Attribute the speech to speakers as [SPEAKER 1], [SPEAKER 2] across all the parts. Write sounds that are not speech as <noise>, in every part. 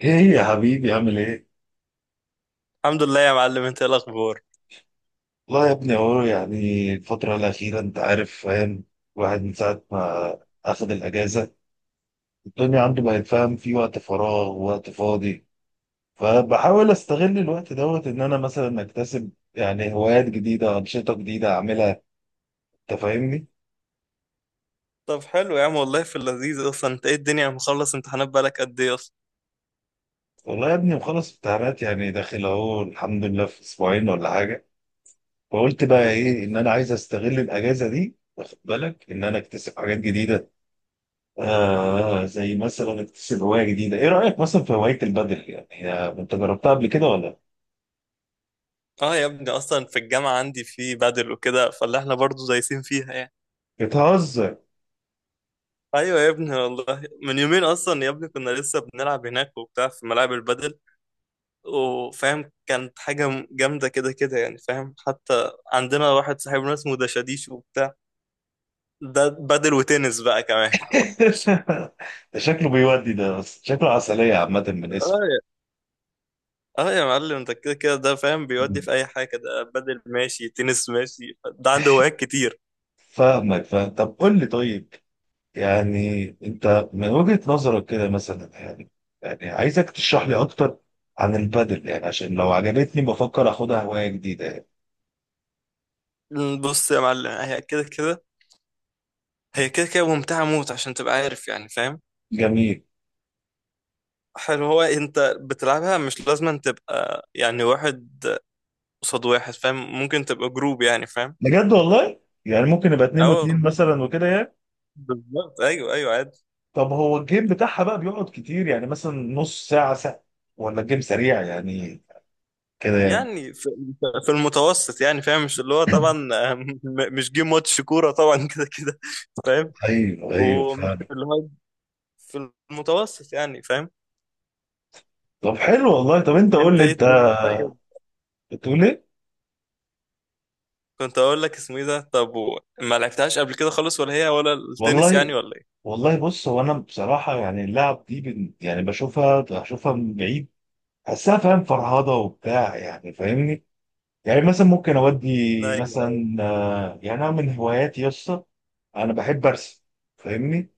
[SPEAKER 1] ايه يا حبيبي عامل ايه؟
[SPEAKER 2] الحمد لله يا معلم. انت ايه الاخبار؟
[SPEAKER 1] والله يا ابني اهو يعني الفترة الأخيرة أنت عارف فاهم. الواحد من ساعة ما أخد الأجازة الدنيا عنده بقت فاهم، في وقت فراغ ووقت فاضي. فبحاول أستغل الوقت دوت إن أنا مثلا أكتسب يعني هوايات جديدة، أنشطة جديدة أعملها. أنت فاهمني؟
[SPEAKER 2] طب حلو يا عم والله في اللذيذ اصلا. انت ايه الدنيا؟ مخلص امتحانات بقالك قد ايه اصلا؟
[SPEAKER 1] والله يا ابني مخلص امتحانات، يعني داخل أهو الحمد لله في أسبوعين ولا حاجة. فقلت بقى إيه، إن أنا عايز أستغل الأجازة دي، واخد بالك، إن أنا أكتسب حاجات جديدة. آه، زي مثلا اكتسب هواية جديدة. ايه رأيك مثلا في هواية البدل؟ يعني انت جربتها قبل كده ولا؟
[SPEAKER 2] اه يا ابني اصلا في الجامعه عندي في بدل وكده، فاللي احنا برضو دايسين فيها يعني.
[SPEAKER 1] بتهزر.
[SPEAKER 2] ايوه يا ابني والله، من يومين اصلا يا ابني كنا لسه بنلعب هناك وبتاع في ملاعب البدل وفاهم، كانت حاجه جامده كده كده يعني فاهم. حتى عندنا واحد صاحبنا اسمه دشاديش وبتاع، ده بدل وتنس بقى كمان.
[SPEAKER 1] <laughs> ده شكله بيودي ده، بس شكله عسلية عامة من اسمه.
[SPEAKER 2] اه يا معلم، انت كده كده ده فاهم، بيودي في اي حاجه. ده بدل ماشي، تنس ماشي، ده عنده هوايات كتير.
[SPEAKER 1] فاهمك فاهم. طب قول لي، طيب يعني انت من وجهة نظرك كده مثلا، يعني يعني عايزك تشرح لي اكتر عن البدل، يعني عشان لو عجبتني بفكر اخدها هواية جديدة يعني.
[SPEAKER 2] بص يا معلم، هي كده كده ممتعه موت عشان تبقى عارف يعني فاهم.
[SPEAKER 1] جميل.
[SPEAKER 2] حلو، هو انت بتلعبها مش لازم أن تبقى يعني واحد قصاد واحد فاهم، ممكن تبقى جروب يعني فاهم.
[SPEAKER 1] بجد والله؟ يعني ممكن يبقى اتنين
[SPEAKER 2] اه
[SPEAKER 1] واتنين
[SPEAKER 2] والله
[SPEAKER 1] مثلا وكده يعني؟
[SPEAKER 2] بالظبط، ايوه ايوه عادي.
[SPEAKER 1] طب هو الجيم بتاعها بقى بيقعد كتير، يعني مثلا نص ساعة، ساعة؟ ولا الجيم سريع يعني كده يعني؟
[SPEAKER 2] يعني في المتوسط يعني فاهم، مش اللي هو طبعا <laughs> مش جيم ماتش كوره طبعا <laughs> كده كده فاهم.
[SPEAKER 1] ايوه ايوه
[SPEAKER 2] ومش
[SPEAKER 1] فاهم.
[SPEAKER 2] اللي هو في المتوسط يعني فاهم.
[SPEAKER 1] طب حلو والله. طب انت قول
[SPEAKER 2] انت
[SPEAKER 1] لي،
[SPEAKER 2] ايه
[SPEAKER 1] انت
[SPEAKER 2] الدنيا طيب؟
[SPEAKER 1] بتقول ايه؟
[SPEAKER 2] كنت اقول لك اسمه ايه ده، طب ما لعبتهاش قبل كده خالص؟ ولا هي ولا التنس
[SPEAKER 1] والله
[SPEAKER 2] يعني ولا ايه؟
[SPEAKER 1] والله بص، هو انا بصراحة يعني اللعب دي يعني بشوفها، من بعيد، بحسها فاهم فرهضة وبتاع، يعني فاهمني. يعني مثلا ممكن اودي
[SPEAKER 2] ايوه
[SPEAKER 1] مثلا، يعني انا من هواياتي يسطا، انا بحب ارسم، فاهمني،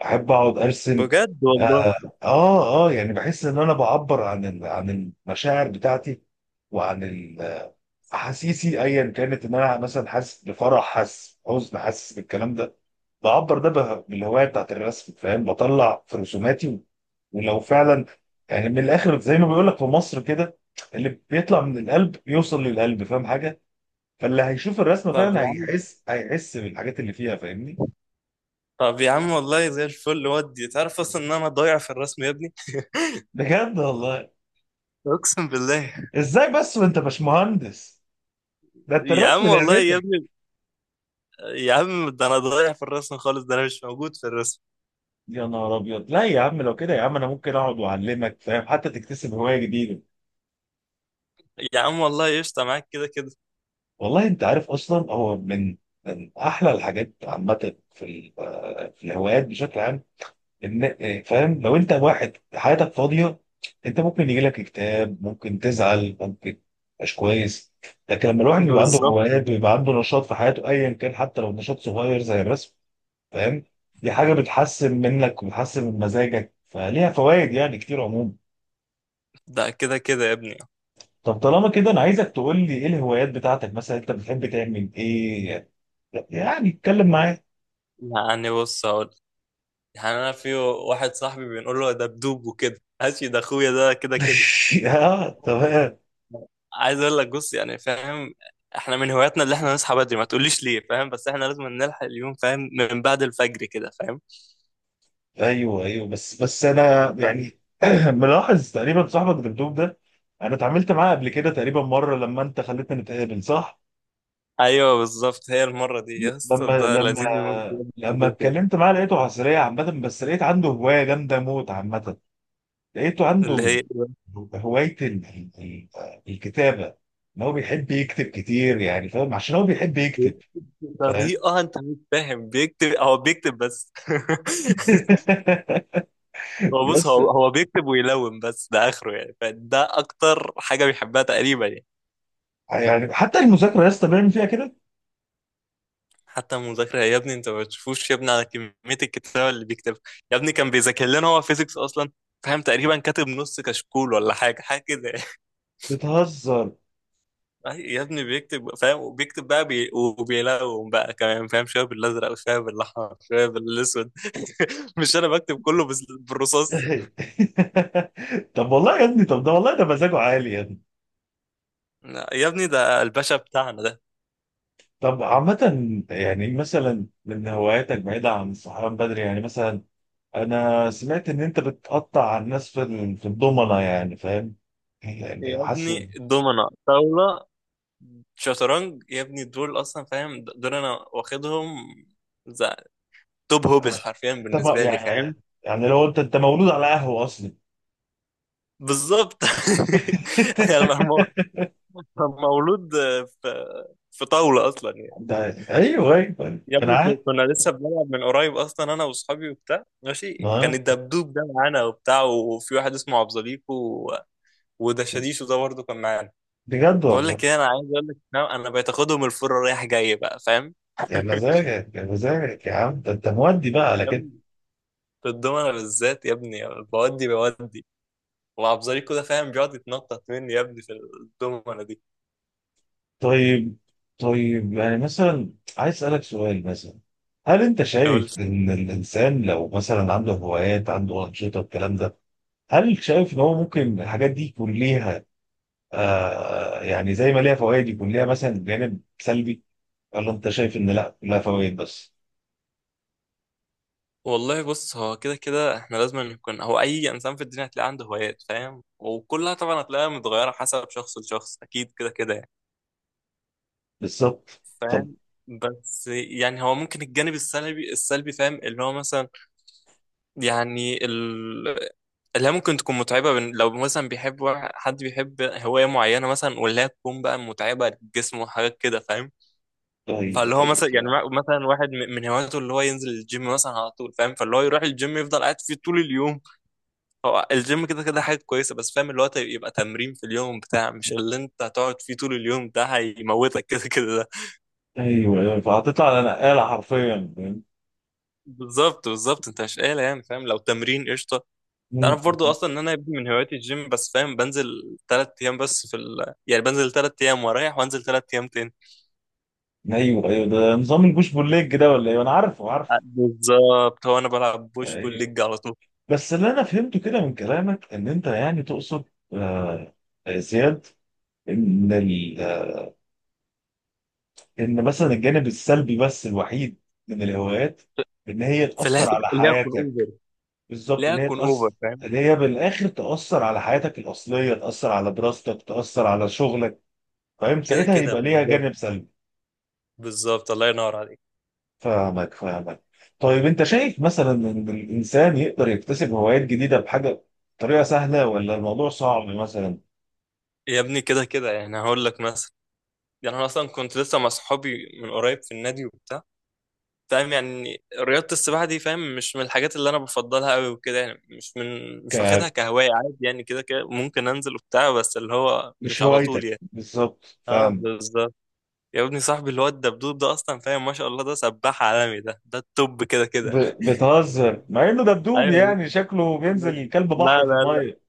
[SPEAKER 1] بحب اقعد ارسم.
[SPEAKER 2] بجد والله.
[SPEAKER 1] اه. اه، يعني بحس ان انا بعبر عن عن المشاعر بتاعتي، وعن احاسيسي ايا كانت. ان انا مثلا حاسس بفرح، حاسس حزن، حاسس بالكلام ده، بعبر بالهوايه بتاعت الرسم، فاهم، بطلع في رسوماتي. ولو فعلا، يعني من الاخر، زي ما بيقول لك في مصر كده، اللي بيطلع من القلب يوصل للقلب، فاهم حاجه، فاللي هيشوف الرسمه
[SPEAKER 2] طب
[SPEAKER 1] فعلا
[SPEAKER 2] يا عم،
[SPEAKER 1] هيحس، بالحاجات اللي فيها، فاهمني؟
[SPEAKER 2] طب يا عم والله زي الفل. ودي تعرف اصلا ان انا ضايع في الرسم يا ابني،
[SPEAKER 1] بجد والله؟
[SPEAKER 2] اقسم بالله.
[SPEAKER 1] ازاي بس وانت باشمهندس؟ ده انت
[SPEAKER 2] يا
[SPEAKER 1] الرسم
[SPEAKER 2] عم والله يا
[SPEAKER 1] لعبتك.
[SPEAKER 2] ابني، يا عم ده انا ضايع في الرسم خالص، ده انا مش موجود في الرسم.
[SPEAKER 1] يا نهار ابيض، لا يا عم، لو كده يا عم انا ممكن اقعد واعلمك فاهم، حتى تكتسب هوايه جديده.
[SPEAKER 2] يا عم والله قشطه معاك كده كده.
[SPEAKER 1] والله انت عارف اصلا، هو من احلى الحاجات عامه في في الهوايات بشكل عام، ان فاهم، لو انت واحد حياتك فاضيه انت ممكن يجي لك اكتئاب، ممكن تزعل، ممكن مش كويس. لكن لما الواحد بيبقى عنده
[SPEAKER 2] بالظبط
[SPEAKER 1] هوايات
[SPEAKER 2] بالظبط.
[SPEAKER 1] بيبقى عنده نشاط في حياته، ايا كان، حتى لو نشاط صغير زي الرسم. فاهم، دي حاجه بتحسن منك وبتحسن من مزاجك، فليها فوائد يعني كتير عموما.
[SPEAKER 2] ده كده كده يا ابني.
[SPEAKER 1] طب طالما كده انا عايزك تقول لي ايه الهوايات بتاعتك، مثلا انت بتحب تعمل ايه؟ يعني اتكلم معايا.
[SPEAKER 2] يعني بص هقول، يعني انا في واحد صاحبي بنقول له ده بدوب وكده ماشي، ده اخويا ده كده كده.
[SPEAKER 1] <laughs> اه تمام.
[SPEAKER 2] عايز اقول لك، بص يعني فاهم، احنا من هواياتنا اللي احنا نصحى بدري. ما تقوليش ليه فاهم، بس احنا لازم نلحق اليوم فاهم، من بعد الفجر كده فاهم.
[SPEAKER 1] ايوه ايوه، بس انا
[SPEAKER 2] فاهم.
[SPEAKER 1] يعني <clears throat> ملاحظ تقريبا صاحبك دبدوب ده، انا اتعاملت معاه قبل كده تقريبا مره لما انت خليتنا نتقابل، صح؟
[SPEAKER 2] ايوه بالظبط، هي المره دي
[SPEAKER 1] ل-
[SPEAKER 2] يا اسطى
[SPEAKER 1] لما
[SPEAKER 2] ده لذيذ موت.
[SPEAKER 1] لما لما
[SPEAKER 2] كده كده
[SPEAKER 1] اتكلمت معاه لقيته عسلية عامة، بس لقيت عنده هواية جامدة موت عامة. لقيته
[SPEAKER 2] اللي
[SPEAKER 1] عنده
[SPEAKER 2] هي
[SPEAKER 1] هواية الكتابة، ان هو بيحب يكتب كتير، يعني فاهم، عشان هو بيحب يكتب. فاهم.
[SPEAKER 2] طريقه. انت مش فاهم، بيكتب، هو بيكتب بس <laughs>
[SPEAKER 1] <laughs>
[SPEAKER 2] هو بص،
[SPEAKER 1] بس
[SPEAKER 2] هو هو بيكتب ويلون بس، ده اخره يعني، فده اكتر حاجه بيحبها تقريبا يعني.
[SPEAKER 1] يعني حتى المذاكرة يا اسطى بيعمل فيها كده.
[SPEAKER 2] حتى المذاكرة يا ابني، انت ما بتشوفوش يا ابني على كمية الكتابة اللي بيكتبها. يا ابني كان بيذاكر لنا هو فيزيكس اصلا فاهم، تقريبا كاتب نص كشكول ولا حاجة، حاجة كده <laughs> يعني.
[SPEAKER 1] بتهزر.
[SPEAKER 2] يا ابني بيكتب فاهم، وبيكتب بقى بي... وبيلون بقى كمان فاهم، شوية بالازرق وشوية بالاحمر شوية بالاسود <laughs> مش انا بكتب كله بالرصاص.
[SPEAKER 1] <laughs> طب والله يا ابني، طب ده والله ده مزاجه عالي يا ابني.
[SPEAKER 2] لا، يا ابني ده الباشا بتاعنا ده.
[SPEAKER 1] طب عامة يعني مثلا من هواياتك بعيدة عن الصحيان بدري، يعني مثلا أنا سمعت إن أنت بتقطع على الناس في في الضمنة، يعني فاهم، يعني
[SPEAKER 2] يا ابني
[SPEAKER 1] حاسس.
[SPEAKER 2] دومنا، طاولة، شطرنج يا ابني، دول اصلا فاهم، دول انا واخدهم زي توب هوبس حرفيا
[SPEAKER 1] انت ما-
[SPEAKER 2] بالنسبة لي فاهم.
[SPEAKER 1] يعني، يعني لو انت مولود على قهوه اصلا.
[SPEAKER 2] بالظبط <laughs> يعني
[SPEAKER 1] <laughs>
[SPEAKER 2] مولود في في طاولة أصلا يعني.
[SPEAKER 1] ده ايوه ايوه
[SPEAKER 2] يا
[SPEAKER 1] انا
[SPEAKER 2] ابني
[SPEAKER 1] عارف.
[SPEAKER 2] كنا لسه بنلعب من قريب أصلا أنا وأصحابي وبتاع ماشي، كان
[SPEAKER 1] اه.
[SPEAKER 2] الدبدوب ده معانا وبتاع، وفي واحد اسمه عبد زليكو وده شاديشو ده برضه كان معانا.
[SPEAKER 1] بجد
[SPEAKER 2] بقول
[SPEAKER 1] والله.
[SPEAKER 2] لك إيه، أنا عايز أقول لك إن أنا بقيت آخدهم الفرة رايح جاي بقى فاهم
[SPEAKER 1] يا
[SPEAKER 2] <laughs>
[SPEAKER 1] مزاجك، يا عم، ده انت مودي بقى على
[SPEAKER 2] يا
[SPEAKER 1] كده.
[SPEAKER 2] ابني في الدومنة بالذات يا ابني، بودي. وعبد زليكو ده فاهم بيقعد يتنطط مني يا ابني في الدومنة
[SPEAKER 1] طيب، طيب يعني مثلا عايز اسالك سؤال مثلا، هل انت
[SPEAKER 2] دي.
[SPEAKER 1] شايف ان الانسان لو مثلا عنده هوايات، عنده انشطه، الكلام ده، هل شايف ان هو ممكن الحاجات دي يكون ليها، آه يعني زي ما ليها فوائد يكون ليها مثلا جانب سلبي؟ ولا انت شايف ان لا، لها فوائد بس؟
[SPEAKER 2] والله بص، هو كده كده احنا لازم نكون، هو اي انسان في الدنيا هتلاقي عنده هوايات فاهم، وكلها طبعا هتلاقيها متغيره حسب شخص لشخص، اكيد كده كده يعني
[SPEAKER 1] بالظبط. طب
[SPEAKER 2] فاهم. بس يعني هو ممكن الجانب السلبي فاهم اللي هو مثلا، يعني ال... اللي هي ممكن تكون متعبه بن... لو مثلا بيحب حد بيحب هوايه معينه مثلا، واللي هي تكون بقى متعبه للجسم وحاجات كده فاهم. فاللي
[SPEAKER 1] ايوه
[SPEAKER 2] هو
[SPEAKER 1] ايوه
[SPEAKER 2] مثلا يعني،
[SPEAKER 1] فعلا.
[SPEAKER 2] مثلا واحد من هواياته اللي هو ينزل الجيم مثلا على طول فاهم، فاللي هو يروح الجيم يفضل قاعد فيه طول اليوم. هو الجيم كده كده حاجة كويسة، بس فاهم اللي هو يبقى تمرين في اليوم بتاع مش اللي انت هتقعد فيه طول اليوم، ده هيموتك كده كده ده.
[SPEAKER 1] ايوه ايوه فهتطلع على نقاله حرفيا، فاهم؟
[SPEAKER 2] بالظبط بالظبط، انت مش قايل يعني فاهم، لو تمرين قشطة.
[SPEAKER 1] مم.
[SPEAKER 2] تعرف برضو اصلا ان انا يبدو من هواياتي الجيم، بس فاهم بنزل تلات ايام بس في ال... يعني بنزل تلات ايام واريح وانزل تلات ايام تاني.
[SPEAKER 1] ايوه ايوه، ده نظام البوش بول ليج ده ولا ايه؟ انا عارفه عارفه.
[SPEAKER 2] بالظبط، هو انا بلعب بوش بول
[SPEAKER 1] ايوه.
[SPEAKER 2] ليج على طول.
[SPEAKER 1] بس اللي انا فهمته كده من كلامك ان انت يعني تقصد، آه زياد، ان ال... آه، ان مثلا الجانب السلبي بس الوحيد من الهوايات، ان هي
[SPEAKER 2] فلا،
[SPEAKER 1] تاثر على
[SPEAKER 2] لا اكون
[SPEAKER 1] حياتك.
[SPEAKER 2] اوفر،
[SPEAKER 1] بالظبط،
[SPEAKER 2] لا
[SPEAKER 1] ان هي
[SPEAKER 2] اكون اوفر
[SPEAKER 1] تاثر،
[SPEAKER 2] فاهم.
[SPEAKER 1] ان هي بالاخر تاثر على حياتك الاصليه، تاثر على دراستك، تاثر على شغلك، فاهم،
[SPEAKER 2] كده
[SPEAKER 1] ساعتها
[SPEAKER 2] كده
[SPEAKER 1] يبقى ليها
[SPEAKER 2] بالظبط،
[SPEAKER 1] جانب سلبي.
[SPEAKER 2] بالظبط الله ينور عليك.
[SPEAKER 1] فاهمك فاهمك. طيب انت شايف مثلا ان الانسان يقدر يكتسب هوايات جديده بحاجه، بطريقه سهله، ولا الموضوع صعب مثلا؟
[SPEAKER 2] يا ابني كده كده يعني هقول لك مثلا، يعني انا اصلا كنت لسه مع صحابي من قريب في النادي وبتاع فاهم. يعني رياضة السباحة دي فاهم، مش من الحاجات اللي انا بفضلها قوي وكده يعني، مش من، مش
[SPEAKER 1] ك
[SPEAKER 2] واخدها كهواية. عادي يعني كده كده ممكن انزل وبتاع، بس اللي هو
[SPEAKER 1] مش
[SPEAKER 2] مش على طول
[SPEAKER 1] هوايتك
[SPEAKER 2] يعني.
[SPEAKER 1] بالظبط،
[SPEAKER 2] اه
[SPEAKER 1] فاهم.
[SPEAKER 2] بالظبط. يا ابني صاحبي اللي هو الدبدوب ده اصلا فاهم، ما شاء الله ده سباح عالمي، ده ده التوب كده
[SPEAKER 1] ب...
[SPEAKER 2] كده.
[SPEAKER 1] بتهزر، مع انه دبدوب
[SPEAKER 2] ايوه
[SPEAKER 1] يعني شكله
[SPEAKER 2] لا،
[SPEAKER 1] بينزل كلب
[SPEAKER 2] لا
[SPEAKER 1] بحر في
[SPEAKER 2] لا،
[SPEAKER 1] الميه.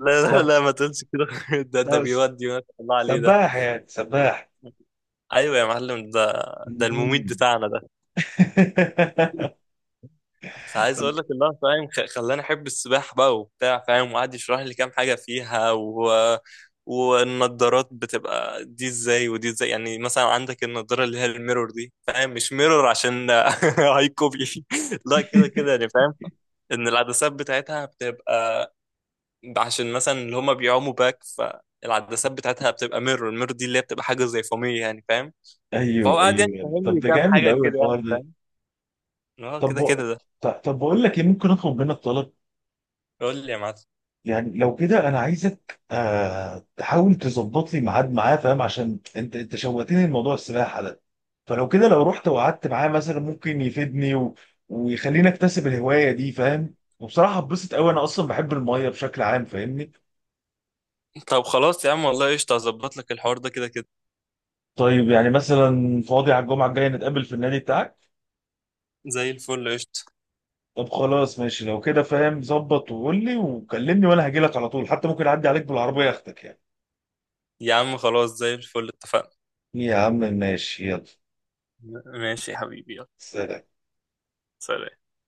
[SPEAKER 2] لا لا،
[SPEAKER 1] سب...
[SPEAKER 2] لا ما تقولش كده <laughs> ده ده
[SPEAKER 1] سب-
[SPEAKER 2] بيودي ما شاء الله عليه ده.
[SPEAKER 1] سباح، يعني سباح.
[SPEAKER 2] ايوه يا معلم، ده ده المميت
[SPEAKER 1] مم.
[SPEAKER 2] بتاعنا ده.
[SPEAKER 1] <laughs>
[SPEAKER 2] فعايز
[SPEAKER 1] طب
[SPEAKER 2] اقول لك الله فاهم، خلاني احب السباحه بقى وبتاع فاهم، وقعد يشرح لي كام حاجه فيها و... والنضارات بتبقى دي ازاي ودي ازاي. يعني مثلا عندك النضاره اللي هي الميرور دي فاهم، مش ميرور عشان <laughs> هاي كوبي، لا كده كده يعني فاهم، ان العدسات بتاعتها بتبقى عشان مثلا اللي هما بيعوموا باك، فالعدسات بتاعتها بتبقى ميرور. الميرور دي اللي هي بتبقى حاجه زي فوميه يعني فاهم. فهو
[SPEAKER 1] ايوه
[SPEAKER 2] قاعد يعني
[SPEAKER 1] ايوه يعني.
[SPEAKER 2] فاهم
[SPEAKER 1] طب
[SPEAKER 2] لي
[SPEAKER 1] ده
[SPEAKER 2] كام
[SPEAKER 1] جامد
[SPEAKER 2] حاجه
[SPEAKER 1] قوي
[SPEAKER 2] كده
[SPEAKER 1] الحوار
[SPEAKER 2] يعني
[SPEAKER 1] ده.
[SPEAKER 2] فاهم. اه كده
[SPEAKER 1] طب
[SPEAKER 2] كده ده.
[SPEAKER 1] طب بقول لك ايه، ممكن اطلب منك طلب؟
[SPEAKER 2] قول لي يا معلم.
[SPEAKER 1] يعني لو كده انا عايزك آه تحاول تظبط لي ميعاد معاه، فاهم، عشان انت شوقتني لموضوع السباحه ده، فلو كده لو رحت وقعدت معاه مثلا ممكن يفيدني و... ويخليني اكتسب الهوايه دي، فاهم، وبصراحه اتبسط قوي، انا اصلا بحب الميه بشكل عام، فاهمني.
[SPEAKER 2] طب خلاص يا عم والله قشطة، هظبط لك الحوار ده كده كده.
[SPEAKER 1] طيب يعني مثلا فاضي على الجمعه الجايه نتقابل في النادي بتاعك؟
[SPEAKER 2] زي الفل قشطة.
[SPEAKER 1] طب خلاص ماشي لو كده، فاهم، ظبط وقول لي وكلمني وانا هجيلك على طول، حتى ممكن اعدي عليك بالعربيه اخدك يعني.
[SPEAKER 2] يا عم خلاص زي الفل، اتفقنا.
[SPEAKER 1] يا عم ماشي، يلا.
[SPEAKER 2] ماشي يا حبيبي، يلا.
[SPEAKER 1] سلام.
[SPEAKER 2] سلام.